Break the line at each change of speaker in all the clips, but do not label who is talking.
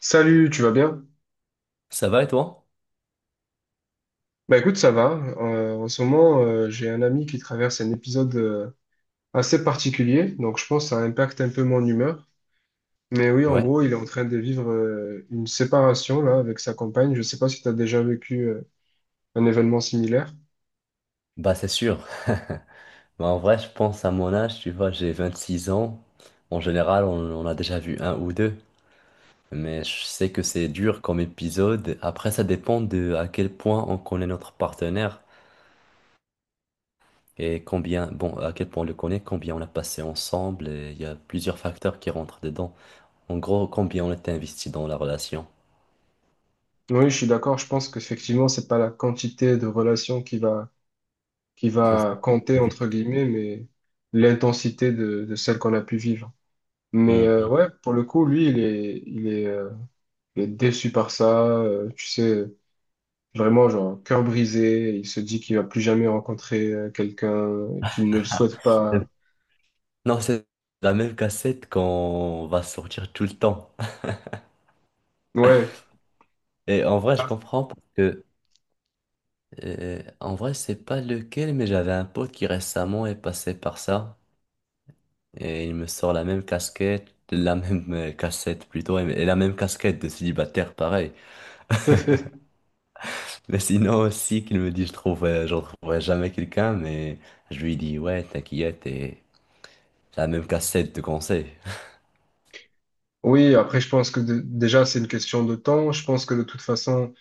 Salut, tu vas bien?
Ça va et toi?
Bah écoute, ça va. En ce moment, j'ai un ami qui traverse un épisode assez particulier, donc je pense que ça impacte un peu mon humeur. Mais oui, en
Ouais,
gros, il est en train de vivre une séparation là avec sa compagne. Je sais pas si tu as déjà vécu un événement similaire.
bah c'est sûr. Bah, en vrai, je pense à mon âge, tu vois, j'ai 26 ans. En général, on a déjà vu un ou deux. Mais je sais que c'est dur comme épisode. Après, ça dépend de à quel point on connaît notre partenaire et combien, bon, à quel point on le connaît, combien on a passé ensemble. Et il y a plusieurs facteurs qui rentrent dedans. En gros, combien on était investi dans la relation.
Oui, je suis d'accord. Je pense qu'effectivement, c'est pas la quantité de relations qui va qui
C'est
va
ça.
compter entre guillemets, mais l'intensité de celle qu'on a pu vivre. Mais
Mhm.
ouais, pour le coup, lui, il est déçu par ça, tu sais, vraiment, genre, cœur brisé. Il se dit qu'il va plus jamais rencontrer quelqu'un qu'il ne le souhaite pas.
Non, c'est la même cassette qu'on va sortir tout le temps.
Ouais.
Et en vrai, je
Ah.
comprends parce que, en vrai, c'est pas lequel, mais j'avais un pote qui récemment est passé par ça. Et il me sort la même casquette, la même cassette plutôt, et la même casquette de célibataire, pareil. Mais sinon aussi, qu'il me dit, je trouve, j'en trouverai jamais quelqu'un, mais je lui dis, ouais, t'inquiète, et la même cassette de conseil.
Oui, après, je pense que déjà, c'est une question de temps. Je pense que de toute façon,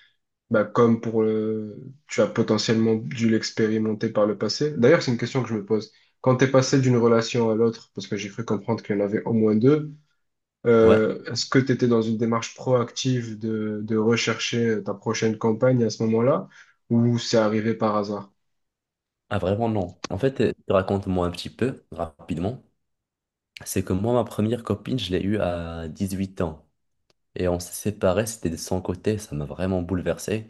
bah, tu as potentiellement dû l'expérimenter par le passé. D'ailleurs, c'est une question que je me pose. Quand t'es passé d'une relation à l'autre, parce que j'ai cru comprendre qu'il y en avait au moins deux,
Ouais,
est-ce que tu étais dans une démarche proactive de rechercher ta prochaine campagne à ce moment-là, ou c'est arrivé par hasard?
ah, vraiment non. En fait, raconte-moi un petit peu, rapidement. C'est que moi, ma première copine, je l'ai eue à 18 ans. Et on s'est séparés, c'était de son côté, ça m'a vraiment bouleversé.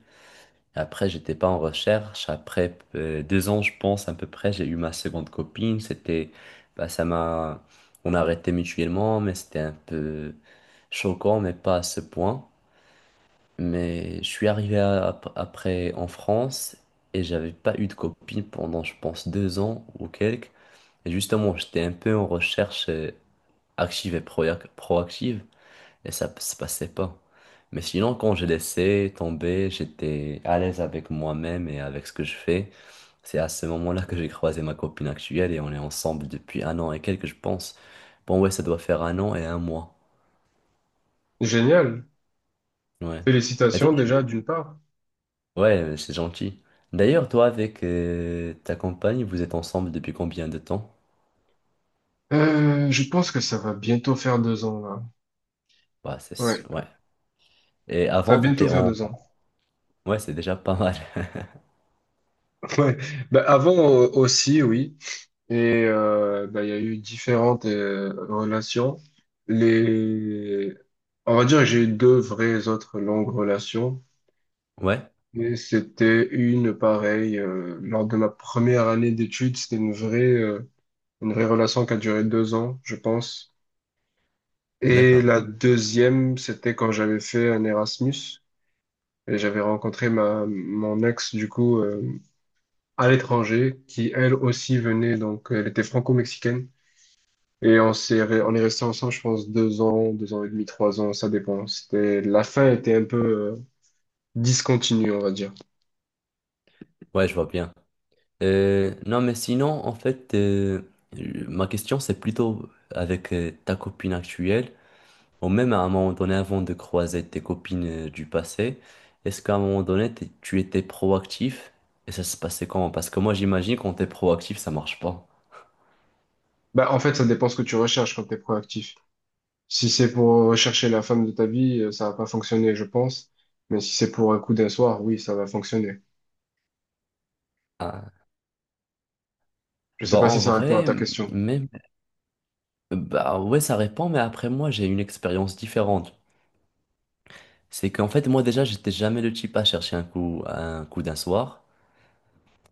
Après, j'étais pas en recherche. Après 2 ans, je pense, à peu près, j'ai eu ma seconde copine. C'était, bah, ça m'a, on a arrêté mutuellement, mais c'était un peu choquant, mais pas à ce point. Mais je suis arrivé après en France et j'avais pas eu de copine pendant, je pense, 2 ans ou quelques. Et justement, j'étais un peu en recherche active et proactive et ça se passait pas. Mais sinon, quand j'ai laissé tomber, j'étais à l'aise avec moi-même et avec ce que je fais. C'est à ce moment-là que j'ai croisé ma copine actuelle et on est ensemble depuis un an et quelques, je pense. Bon, ouais, ça doit faire un an et un mois.
Génial.
Ouais. Et toi,
Félicitations déjà d'une part.
ouais, c'est gentil. D'ailleurs, toi, avec ta compagne, vous êtes ensemble depuis combien de temps?
Je pense que ça va bientôt faire 2 ans là.
Bah, c'est,
Ouais,
sûr, ouais. Et
ça
avant,
va bientôt
t'étais
faire
en...
deux ans.
Ouais, c'est déjà pas mal.
Ouais. Bah, avant aussi, oui. Et bah, il y a eu différentes relations. Les, on va dire que j'ai eu deux vraies autres longues relations.
Ouais,
Et c'était une pareille lors de ma première année d'études, c'était une vraie relation qui a duré 2 ans, je pense. Et
d'accord.
la deuxième, c'était quand j'avais fait un Erasmus et j'avais rencontré ma mon ex du coup à l'étranger, qui elle aussi venait donc elle était franco-mexicaine et on est resté ensemble, je pense 2 ans, 2 ans et demi, 3 ans, ça dépend. C'était la fin était un peu discontinue, on va dire.
Ouais, je vois bien. Non, mais sinon, en fait, ma question, c'est plutôt avec ta copine actuelle, ou même à un moment donné, avant de croiser tes copines du passé, est-ce qu'à un moment donné, tu étais proactif? Et ça se passait comment? Parce que moi, j'imagine, quand t'es proactif, ça marche pas.
Bah en fait, ça dépend ce que tu recherches quand t'es proactif. Si c'est pour chercher la femme de ta vie, ça va pas fonctionner, je pense. Mais si c'est pour un coup d'un soir, oui, ça va fonctionner.
Ah,
Je sais
bah,
pas
en
si ça répond à
vrai,
ta question.
même, bah, ouais, ça répond, mais après, moi, j'ai une expérience différente. C'est qu'en fait, moi, déjà, j'étais jamais le type à chercher un coup d'un soir.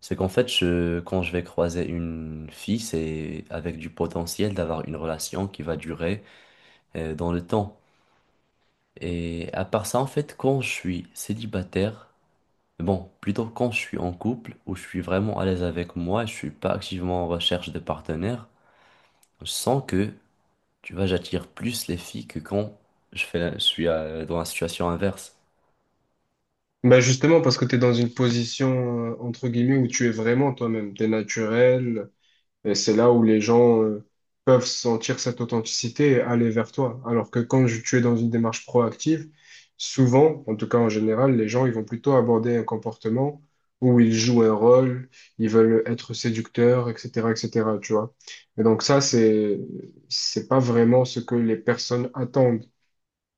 C'est qu'en fait, quand je vais croiser une fille, c'est avec du potentiel d'avoir une relation qui va durer dans le temps. Et à part ça, en fait, quand je suis célibataire, bon, plutôt quand je suis en couple, où je suis vraiment à l'aise avec moi, je suis pas activement en recherche de partenaire, je sens que, tu vois, j'attire plus les filles que quand je suis dans la situation inverse.
Bah justement, parce que tu es dans une position, entre guillemets, où tu es vraiment toi-même. Tu es naturel, et c'est là où les gens peuvent sentir cette authenticité et aller vers toi. Alors que tu es dans une démarche proactive, souvent, en tout cas en général, les gens ils vont plutôt aborder un comportement où ils jouent un rôle, ils veulent être séducteurs, etc., etc. Tu vois. Et donc ça, c'est pas vraiment ce que les personnes attendent.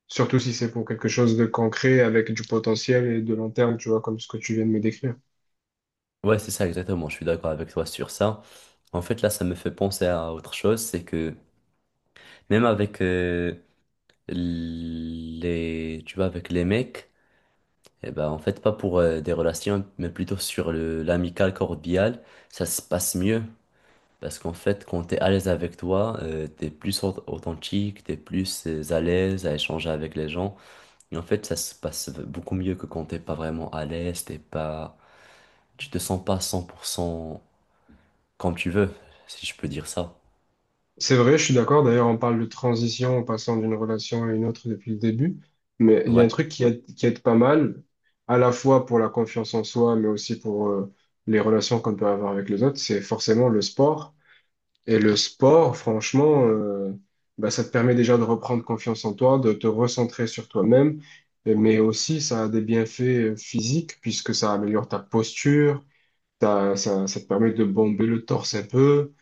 Surtout si c'est pour quelque chose de concret avec du potentiel et de long terme, tu vois, comme ce que tu viens de me décrire.
Ouais, c'est ça exactement, je suis d'accord avec toi sur ça. En fait, là, ça me fait penser à autre chose, c'est que même avec... les, tu vois, avec les mecs, eh ben, en fait, pas pour des relations, mais plutôt sur l'amical cordial ça se passe mieux. Parce qu'en fait, quand t'es à l'aise avec toi, t'es plus authentique, t'es plus à l'aise à échanger avec les gens. Et en fait, ça se passe beaucoup mieux que quand t'es pas vraiment à l'aise, t'es pas, tu te sens pas 100% comme tu veux, si je peux dire ça.
C'est vrai, je suis d'accord. D'ailleurs, on parle de transition en passant d'une relation à une autre depuis le début. Mais il y a un
Ouais.
truc qui aide pas mal, à la fois pour la confiance en soi, mais aussi pour les relations qu'on peut avoir avec les autres, c'est forcément le sport. Et le sport, franchement, bah, ça te permet déjà de reprendre confiance en toi, de te recentrer sur toi-même. Mais aussi, ça a des bienfaits physiques, puisque ça améliore ta posture, ça, ça te permet de bomber le torse un peu.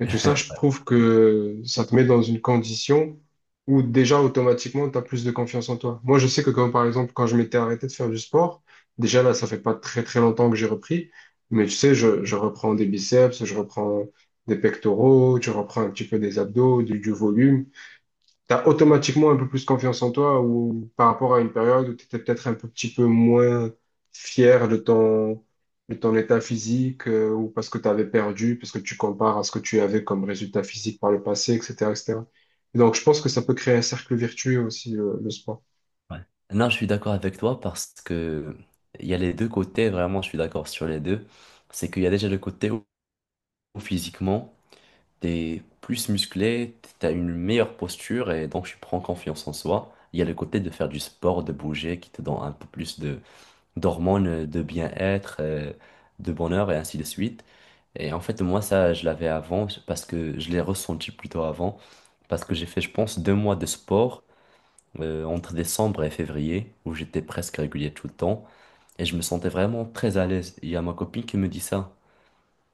Et tout ça, je trouve que ça te met dans une condition où déjà automatiquement, tu as plus de confiance en toi. Moi, je sais que comme par exemple, quand je m'étais arrêté de faire du sport, déjà là, ça fait pas très très longtemps que j'ai repris, mais tu sais, je reprends des biceps, je reprends des pectoraux, je reprends un petit peu des abdos, du volume, t'as automatiquement un peu plus confiance en toi ou par rapport à une période où tu étais peut-être un peu, petit peu moins fier de ton, état physique ou parce que tu avais perdu, parce que tu compares à ce que tu avais comme résultat physique par le passé, etc., etc. Et cetera. Et donc, je pense que ça peut créer un cercle vertueux aussi, le sport.
Ouais. Non, je suis d'accord avec toi parce que il y a les deux côtés, vraiment, je suis d'accord sur les deux. C'est qu'il y a déjà le côté où physiquement, t'es plus musclé, t'as une meilleure posture et donc tu prends confiance en soi. Il y a le côté de faire du sport, de bouger, qui te donne un peu plus de d'hormones, de bien-être, de bonheur et ainsi de suite. Et en fait, moi, ça, je l'avais avant parce que je l'ai ressenti plutôt avant parce que j'ai fait, je pense, 2 mois de sport entre décembre et février, où j'étais presque régulier tout le temps, et je me sentais vraiment très à l'aise. Il y a ma copine qui me dit ça,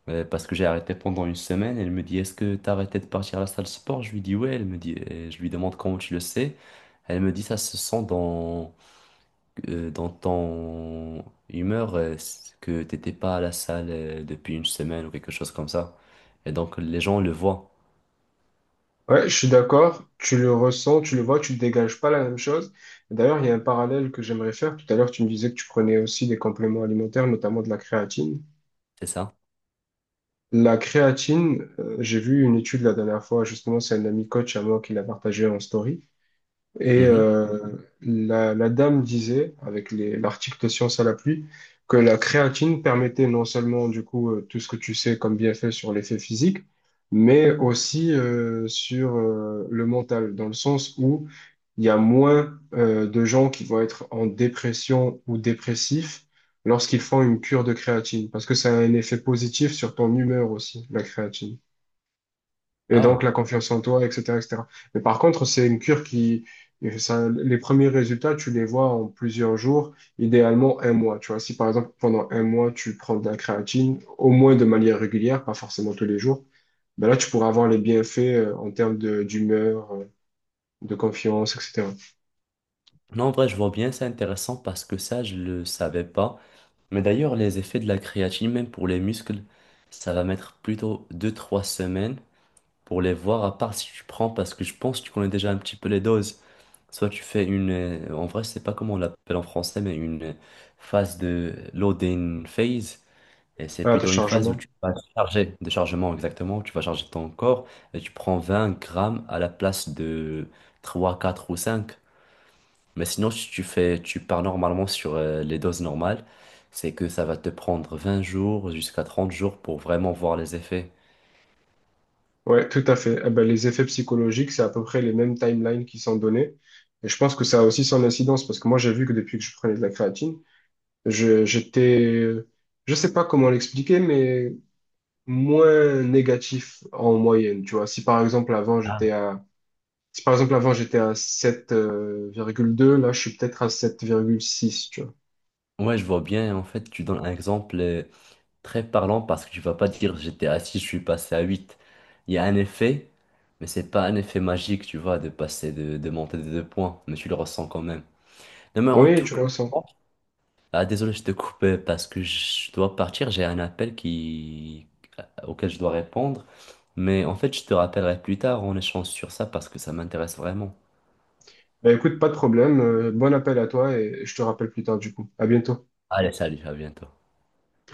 parce que j'ai arrêté pendant une semaine, elle me dit, est-ce que t'as arrêté de partir à la salle de sport? Je lui dis, ouais, elle me dit, et je lui demande comment tu le sais. Elle me dit, ça se sent dans, dans ton humeur que t'étais pas à la salle depuis une semaine ou quelque chose comme ça. Et donc, les gens le voient,
Ouais, je suis d'accord. Tu le ressens, tu le vois, tu ne dégages pas la même chose. D'ailleurs, il y a un parallèle que j'aimerais faire. Tout à l'heure, tu me disais que tu prenais aussi des compléments alimentaires, notamment de la créatine.
c'est ça?
La créatine, j'ai vu une étude la dernière fois, justement, c'est un ami coach à moi qui l'a partagé en story. Et
Mhm.
la dame disait, avec l'article de Science à la pluie, que la créatine permettait non seulement du coup tout ce que tu sais comme bienfait sur l'effet physique, mais aussi sur le mental, dans le sens où il y a moins de gens qui vont être en dépression ou dépressifs lorsqu'ils font une cure de créatine, parce que ça a un effet positif sur ton humeur aussi, la créatine. Et donc,
Ah,
la confiance en toi, etc., etc. Mais par contre, c'est une cure qui, ça, les premiers résultats, tu les vois en plusieurs jours, idéalement un mois. Tu vois, si par exemple, pendant un mois, tu prends de la créatine, au moins de manière régulière, pas forcément tous les jours, ben là, tu pourras avoir les bienfaits en termes d'humeur, de confiance, etc.
non, en vrai, je vois bien, c'est intéressant parce que ça, je le savais pas. Mais d'ailleurs, les effets de la créatine, même pour les muscles, ça va mettre plutôt deux-trois semaines pour les voir, à part si tu prends, parce que je pense que tu connais déjà un petit peu les doses. Soit tu fais une, en vrai, je sais pas comment on l'appelle en français, mais une phase de loading phase. Et c'est
Ah, de
plutôt une phase où
chargement.
tu vas charger, de chargement exactement, où tu vas charger ton corps et tu prends 20 grammes à la place de 3, 4 ou 5. Mais sinon, si tu fais, tu pars normalement sur les doses normales, c'est que ça va te prendre 20 jours jusqu'à 30 jours pour vraiment voir les effets.
Ouais, tout à fait. Eh ben, les effets psychologiques, c'est à peu près les mêmes timelines qui sont donnés. Et je pense que ça a aussi son incidence parce que moi, j'ai vu que depuis que je prenais de la créatine, Je, j'étais, je sais pas comment l'expliquer, mais moins négatif en moyenne. Tu vois, si par exemple avant j'étais à, si par exemple avant j'étais à sept virgule deux, là je suis peut-être à 7,6, tu vois.
Ouais, je vois bien. En fait, tu donnes un exemple très parlant parce que tu vas pas dire j'étais à 6 je suis passé à huit. Il y a un effet, mais c'est pas un effet magique, tu vois, de passer de monter de deux points, mais tu le ressens quand même. Non, mais en
Oui,
tout
tu
cas,
le ressens.
ah, désolé, je te coupe parce que je dois partir, j'ai un appel qui... auquel je dois répondre. Mais en fait, je te rappellerai plus tard, on échange sur ça parce que ça m'intéresse vraiment.
Bah, écoute, pas de problème. Bon appel à toi et je te rappelle plus tard du coup. À bientôt.
Allez, salut, à bientôt.